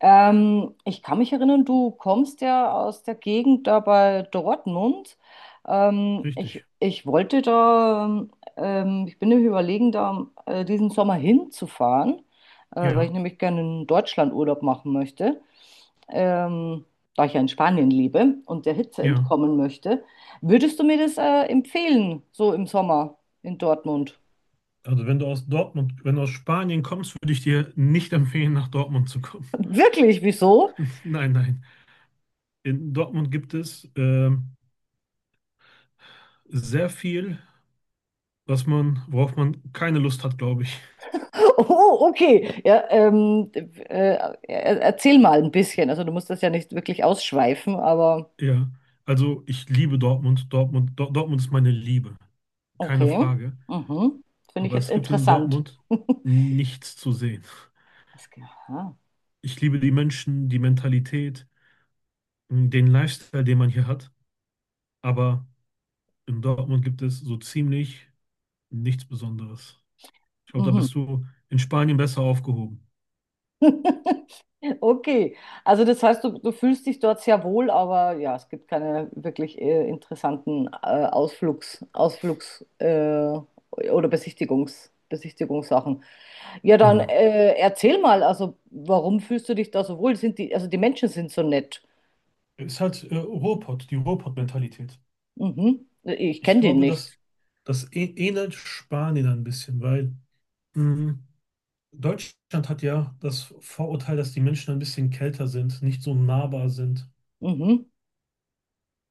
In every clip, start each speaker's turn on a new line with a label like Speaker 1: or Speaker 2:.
Speaker 1: Ich kann mich erinnern, du kommst ja aus der Gegend da bei Dortmund. Ähm, ich,
Speaker 2: Richtig.
Speaker 1: ich wollte da, ich bin nämlich überlegen, da diesen Sommer hinzufahren, weil ich
Speaker 2: Ja,
Speaker 1: nämlich gerne in Deutschland Urlaub machen möchte, ähm, da ich ja in Spanien lebe und der Hitze
Speaker 2: ja.
Speaker 1: entkommen möchte. Würdest du mir das empfehlen, so im Sommer in Dortmund?
Speaker 2: Also wenn du aus Dortmund, wenn du aus Spanien kommst, würde ich dir nicht empfehlen, nach Dortmund zu kommen.
Speaker 1: Wirklich, wieso?
Speaker 2: Nein, nein. In Dortmund gibt es sehr viel, was man, worauf man keine Lust hat, glaube ich.
Speaker 1: Oh, okay. Ja, erzähl mal ein bisschen. Also du musst das ja nicht wirklich ausschweifen, aber
Speaker 2: Ja. Also ich liebe Dortmund. Dortmund, Dortmund ist meine Liebe. Keine
Speaker 1: okay.
Speaker 2: Frage.
Speaker 1: Mhm. Finde ich
Speaker 2: Aber
Speaker 1: jetzt
Speaker 2: es gibt in
Speaker 1: interessant.
Speaker 2: Dortmund nichts zu sehen.
Speaker 1: Das, aha.
Speaker 2: Ich liebe die Menschen, die Mentalität, den Lifestyle, den man hier hat. Aber in Dortmund gibt es so ziemlich nichts Besonderes. Ich glaube, da
Speaker 1: Mhm.
Speaker 2: bist du in Spanien besser aufgehoben.
Speaker 1: Okay, also das heißt, du fühlst dich dort sehr wohl, aber ja, es gibt keine wirklich interessanten Ausflugs oder Besichtigungssachen. Ja, dann
Speaker 2: Genau.
Speaker 1: erzähl mal, also warum fühlst du dich da so wohl? Sind die, also die Menschen sind so nett.
Speaker 2: Ist halt Ruhrpott, die Ruhrpott-Mentalität.
Speaker 1: Mhm. Ich
Speaker 2: Ich
Speaker 1: kenne die
Speaker 2: glaube,
Speaker 1: nicht.
Speaker 2: dass das ähnelt Spanien ein bisschen, weil mh, Deutschland hat ja das Vorurteil, dass die Menschen ein bisschen kälter sind, nicht so nahbar sind.
Speaker 1: Mhm.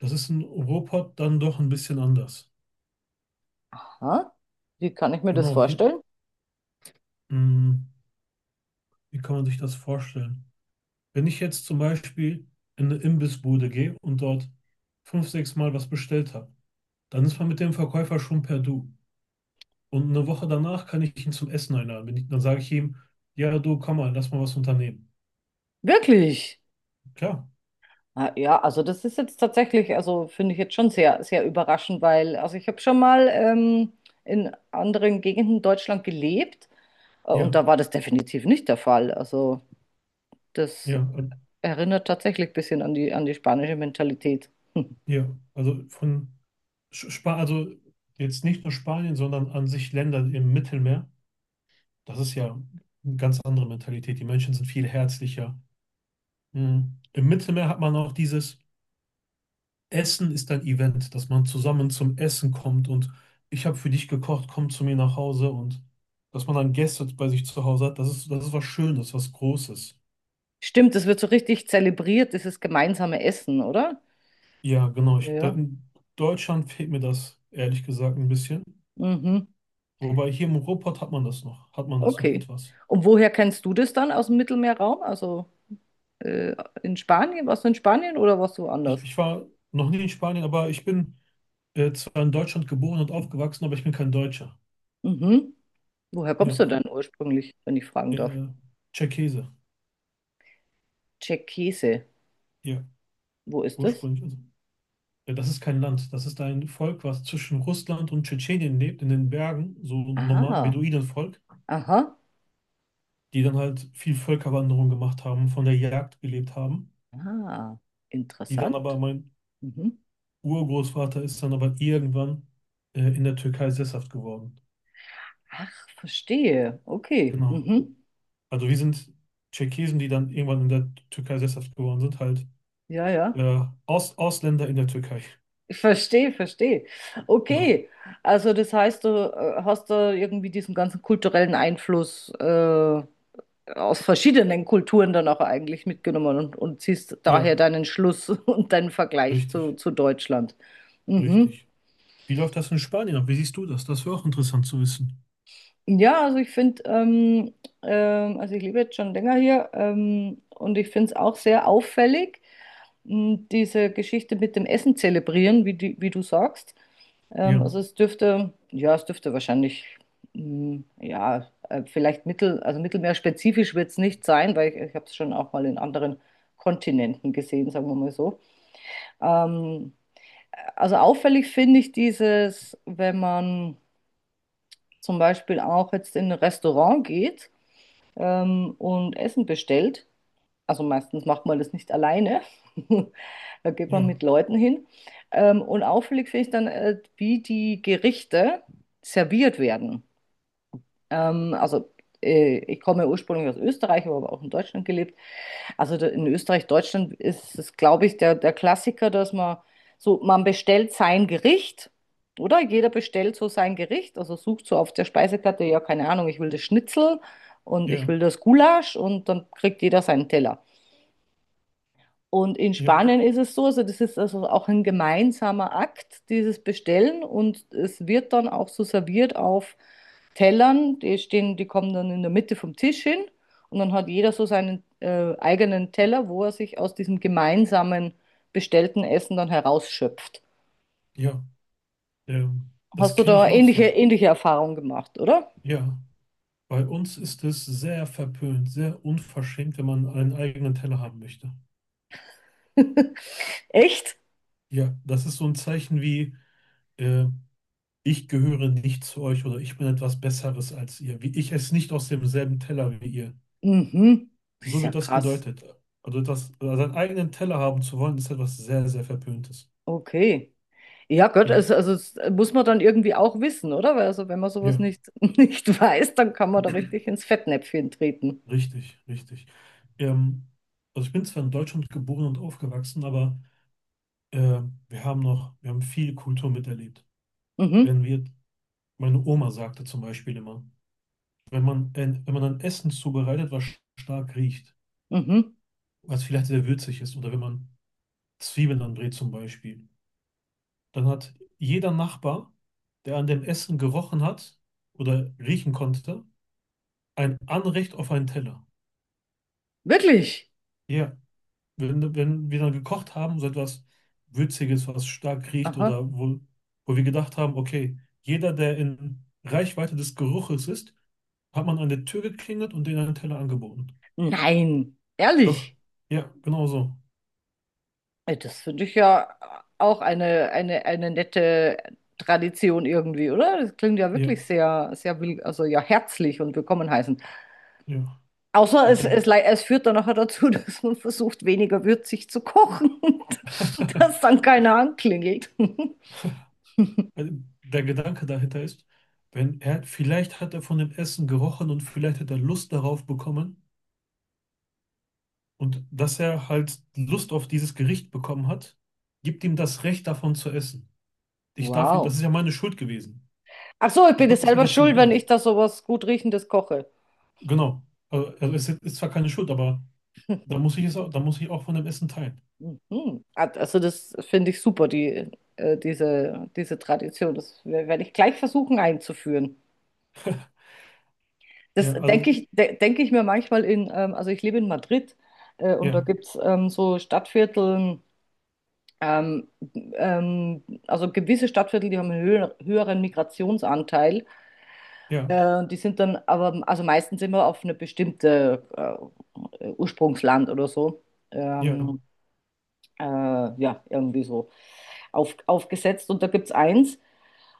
Speaker 2: Das ist in Ruhrpott dann doch ein bisschen anders.
Speaker 1: Aha. Wie kann ich mir das
Speaker 2: Genau, hier,
Speaker 1: vorstellen?
Speaker 2: mh, wie kann man sich das vorstellen? Wenn ich jetzt zum Beispiel in eine Imbissbude gehe und dort fünf, sechs Mal was bestellt habe, dann ist man mit dem Verkäufer schon per Du. Und eine Woche danach kann ich ihn zum Essen einladen. Wenn ich, dann sage ich ihm, ja, du, komm mal, lass mal was unternehmen.
Speaker 1: Wirklich?
Speaker 2: Klar,
Speaker 1: Ah, ja, also das ist jetzt tatsächlich, also finde ich jetzt schon sehr, sehr überraschend, weil, also ich habe schon mal in anderen Gegenden Deutschland gelebt und
Speaker 2: ja,
Speaker 1: da war das definitiv nicht der Fall. Also das
Speaker 2: ja,
Speaker 1: erinnert tatsächlich ein bisschen an die spanische Mentalität. Hm.
Speaker 2: ja. Also von also jetzt nicht nur Spanien, sondern an sich Länder im Mittelmeer. Das ist ja eine ganz andere Mentalität. Die Menschen sind viel herzlicher. Mhm. Im Mittelmeer hat man auch dieses. Essen ist ein Event, dass man zusammen zum Essen kommt und ich habe für dich gekocht, komm zu mir nach Hause und dass man dann Gäste bei sich zu Hause hat, das ist was Schönes, was Großes.
Speaker 1: Stimmt, das wird so richtig zelebriert, dieses gemeinsame Essen, oder?
Speaker 2: Ja, genau.
Speaker 1: Ja.
Speaker 2: In Deutschland fehlt mir das, ehrlich gesagt, ein bisschen.
Speaker 1: Mhm.
Speaker 2: Wobei hier im Ruhrpott hat man das noch, hat man das noch
Speaker 1: Okay.
Speaker 2: etwas.
Speaker 1: Und woher kennst du das dann aus dem Mittelmeerraum? Also äh, in Spanien? Warst du in Spanien oder warst du
Speaker 2: Ich,
Speaker 1: woanders?
Speaker 2: ich war noch nie in Spanien, aber ich bin zwar in Deutschland geboren und aufgewachsen, aber ich bin kein Deutscher.
Speaker 1: Mhm. Woher kommst du
Speaker 2: Ja,
Speaker 1: denn ursprünglich, wenn ich fragen darf?
Speaker 2: äh, Tscherkesse,
Speaker 1: Tscherkesse.
Speaker 2: ja,
Speaker 1: Wo ist das?
Speaker 2: ursprünglich. Also ja, das ist kein Land, das ist ein Volk, was zwischen Russland und Tschetschenien lebt, in den Bergen, so ein
Speaker 1: Ah,
Speaker 2: Beduinenvolk,
Speaker 1: aha,
Speaker 2: die dann halt viel Völkerwanderung gemacht haben, von der Jagd gelebt haben,
Speaker 1: ah, interessant.
Speaker 2: mein
Speaker 1: Mhm.
Speaker 2: Urgroßvater ist dann aber irgendwann in der Türkei sesshaft geworden.
Speaker 1: Ach, verstehe. Okay.
Speaker 2: Genau.
Speaker 1: Mhm.
Speaker 2: Also wir sind Tscherkesen, die dann irgendwann in der Türkei sesshaft geworden sind, halt
Speaker 1: Ja, ja.
Speaker 2: Ausländer in der Türkei.
Speaker 1: Ich verstehe, verstehe.
Speaker 2: Genau.
Speaker 1: Okay. Also das heißt, du hast da irgendwie diesen ganzen kulturellen Einfluss aus verschiedenen Kulturen dann auch eigentlich mitgenommen und ziehst
Speaker 2: Ja,
Speaker 1: daher deinen Schluss und deinen Vergleich
Speaker 2: richtig,
Speaker 1: zu Deutschland. Mhm.
Speaker 2: richtig. Wie läuft das in Spanien ab? Wie siehst du das? Das wäre auch interessant zu wissen.
Speaker 1: Ja, also ich finde, also ich lebe jetzt schon länger hier und ich finde es auch sehr auffällig, diese Geschichte mit dem Essen zelebrieren, wie, die, wie du sagst.
Speaker 2: Ja,
Speaker 1: Also es dürfte, ja, es dürfte wahrscheinlich, ja, also mittelmeerspezifisch wird es nicht sein, weil ich habe es schon auch mal in anderen Kontinenten gesehen, sagen wir mal so. Ähm, also auffällig finde ich dieses, wenn man zum Beispiel auch jetzt in ein Restaurant geht und Essen bestellt. Also meistens macht man das nicht alleine. Da geht man
Speaker 2: ja.
Speaker 1: mit Leuten hin. Und auffällig finde ich dann, wie die Gerichte serviert werden. Also ich komme ursprünglich aus Österreich, habe aber auch in Deutschland gelebt. Also in Österreich, Deutschland ist es, glaube ich, der, der Klassiker, dass man so, man bestellt sein Gericht, oder? Jeder bestellt so sein Gericht, also sucht so auf der Speisekarte, ja, keine Ahnung, ich will das Schnitzel und ich
Speaker 2: Ja,
Speaker 1: will das Gulasch und dann kriegt jeder seinen Teller. Und in
Speaker 2: ja,
Speaker 1: Spanien ist es so, also das ist also auch ein gemeinsamer Akt, dieses Bestellen. Und es wird dann auch so serviert auf Tellern. Die stehen, die kommen dann in der Mitte vom Tisch hin. Und dann hat jeder so seinen eigenen Teller, wo er sich aus diesem gemeinsamen bestellten Essen dann herausschöpft.
Speaker 2: ja, ähm, das
Speaker 1: Hast du
Speaker 2: kenne
Speaker 1: da
Speaker 2: ich auch
Speaker 1: ähnliche,
Speaker 2: so.
Speaker 1: ähnliche Erfahrungen gemacht, oder?
Speaker 2: Ja, bei uns ist es sehr verpönt, sehr unverschämt, wenn man einen eigenen Teller haben möchte.
Speaker 1: Echt?
Speaker 2: Ja, das ist so ein Zeichen wie, äh, ich gehöre nicht zu euch oder ich bin etwas Besseres als ihr, wie ich esse nicht aus demselben Teller wie ihr.
Speaker 1: Mhm. Das ist
Speaker 2: So
Speaker 1: ja
Speaker 2: wird das
Speaker 1: krass.
Speaker 2: gedeutet. Also das, also seinen eigenen Teller haben zu wollen, ist etwas sehr, sehr Verpöntes.
Speaker 1: Okay. Ja, Gott,
Speaker 2: Ja,
Speaker 1: also das muss man dann irgendwie auch wissen, oder? Weil also wenn man sowas
Speaker 2: ja,
Speaker 1: nicht, nicht weiß, dann kann man da richtig ins Fettnäpfchen treten.
Speaker 2: richtig, richtig. Ähm, also ich bin zwar in Deutschland geboren und aufgewachsen, aber Äh, wir haben noch, wir haben viel Kultur miterlebt.
Speaker 1: Mhm,
Speaker 2: Wenn wir, meine Oma sagte zum Beispiel immer, wenn man, wenn man ein Essen zubereitet, was stark riecht,
Speaker 1: mhm.
Speaker 2: was vielleicht sehr würzig ist, oder wenn man Zwiebeln anbrät zum Beispiel, dann hat jeder Nachbar, der an dem Essen gerochen hat oder riechen konnte, ein Anrecht auf einen Teller.
Speaker 1: Wirklich?
Speaker 2: Ja, wenn wir dann gekocht haben, so etwas Würziges, was stark riecht
Speaker 1: Aha.
Speaker 2: oder wo, wo wir gedacht haben, okay, jeder, der in Reichweite des Geruches ist, hat man an der Tür geklingelt und denen einen Teller angeboten.
Speaker 1: Nein,
Speaker 2: Doch,
Speaker 1: ehrlich.
Speaker 2: ja, genau so.
Speaker 1: Ey, das finde ich ja auch eine nette Tradition irgendwie, oder? Das klingt ja wirklich
Speaker 2: Ja,
Speaker 1: sehr, sehr, also ja, herzlich und willkommen heißen.
Speaker 2: ja.
Speaker 1: Außer
Speaker 2: Weil der,
Speaker 1: es führt dann nachher dazu, dass man versucht, weniger würzig zu kochen, dass dann keiner anklingelt.
Speaker 2: weil der Gedanke dahinter ist, wenn er, vielleicht hat er von dem Essen gerochen und vielleicht hat er Lust darauf bekommen und dass er halt Lust auf dieses Gericht bekommen hat, gibt ihm das Recht davon zu essen.
Speaker 1: Wow.
Speaker 2: Das ist ja meine Schuld gewesen.
Speaker 1: Ach so, ich
Speaker 2: Ich
Speaker 1: bin ja
Speaker 2: habe es ja
Speaker 1: selber
Speaker 2: dazu
Speaker 1: schuld, wenn
Speaker 2: gebracht.
Speaker 1: ich da sowas gut Riechendes koche.
Speaker 2: Genau. Also es ist zwar keine Schuld, aber da muss ich auch von dem Essen teilen.
Speaker 1: Mhm. Also das finde ich super, die, diese, diese Tradition. Das werde ich gleich versuchen einzuführen. Das
Speaker 2: Ja, also,
Speaker 1: denke ich, de denke ich mir manchmal in, also ich lebe in Madrid und da
Speaker 2: ja,
Speaker 1: gibt es so Stadtviertel, ähm, also gewisse Stadtviertel, die haben einen höheren Migrationsanteil.
Speaker 2: ja,
Speaker 1: Die sind dann aber, also meistens immer auf eine bestimmte Ursprungsland oder so.
Speaker 2: ja.
Speaker 1: Ähm, ja, irgendwie so aufgesetzt. Und da gibt es eins.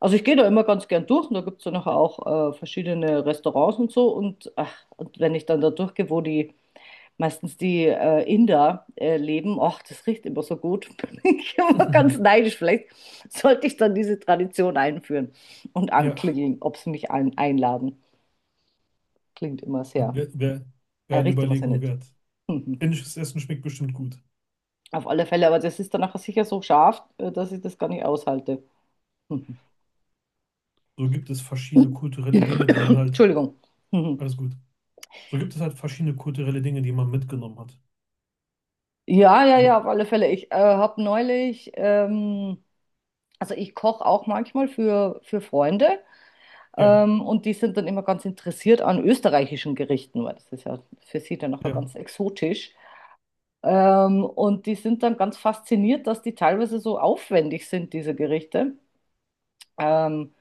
Speaker 1: Also ich gehe da immer ganz gern durch und da gibt es dann nachher auch verschiedene Restaurants und so. Und, ach, und wenn ich dann da durchgehe, wo die meistens die Inder leben, ach, das riecht immer so gut. Bin ich immer ganz neidisch. Vielleicht sollte ich dann diese Tradition einführen und
Speaker 2: Ja,
Speaker 1: anklingeln, ob sie mich einladen. Klingt immer sehr,
Speaker 2: wäre wär, wär eine
Speaker 1: riecht immer sehr
Speaker 2: Überlegung
Speaker 1: nett.
Speaker 2: wert.
Speaker 1: Mhm.
Speaker 2: Indisches Essen schmeckt bestimmt gut.
Speaker 1: Auf alle Fälle, aber das ist dann nachher sicher so scharf, dass ich das gar nicht aushalte. Mhm.
Speaker 2: So gibt es verschiedene kulturelle Dinge, die man halt,
Speaker 1: Entschuldigung. Mhm.
Speaker 2: alles gut. So gibt es halt verschiedene kulturelle Dinge, die man mitgenommen hat.
Speaker 1: Ja, ja,
Speaker 2: So,
Speaker 1: ja, auf alle Fälle. Ich habe neulich, also ich koche auch manchmal für Freunde
Speaker 2: ja,
Speaker 1: und die sind dann immer ganz interessiert an österreichischen Gerichten, weil das ist ja für sie dann nachher
Speaker 2: ja,
Speaker 1: ganz exotisch. Und die sind dann ganz fasziniert, dass die teilweise so aufwendig sind, diese Gerichte, ähm,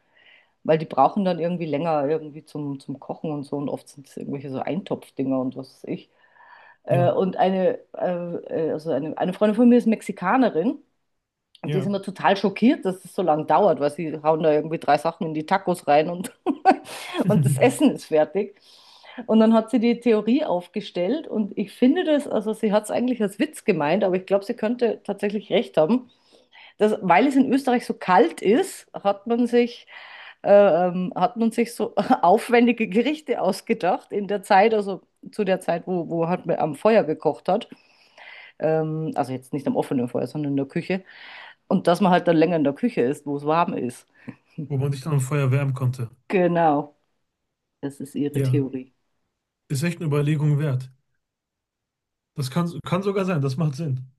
Speaker 1: weil die brauchen dann irgendwie länger irgendwie zum, zum Kochen und so und oft sind es irgendwelche so Eintopfdinger und was weiß ich. Äh,
Speaker 2: ja,
Speaker 1: und eine, äh, also eine Freundin von mir ist Mexikanerin. Und die ist
Speaker 2: ja.
Speaker 1: immer total schockiert, dass es so lange dauert, weil sie hauen da irgendwie drei Sachen in die Tacos rein und, und das Essen ist fertig. Und dann hat sie die Theorie aufgestellt und ich finde das, also sie hat es eigentlich als Witz gemeint, aber ich glaube, sie könnte tatsächlich recht haben, dass, weil es in Österreich so kalt ist, hat man sich so aufwendige Gerichte ausgedacht in der Zeit, also zu der Zeit, wo, wo halt man am Feuer gekocht hat. Also jetzt nicht am offenen Feuer, sondern in der Küche. Und dass man halt dann länger in der Küche ist, wo es warm ist.
Speaker 2: Wo man sich dann am Feuer wärmen konnte.
Speaker 1: Genau, das ist ihre
Speaker 2: Ja,
Speaker 1: Theorie.
Speaker 2: ist echt eine Überlegung wert. Das kann, kann sogar sein, das macht Sinn.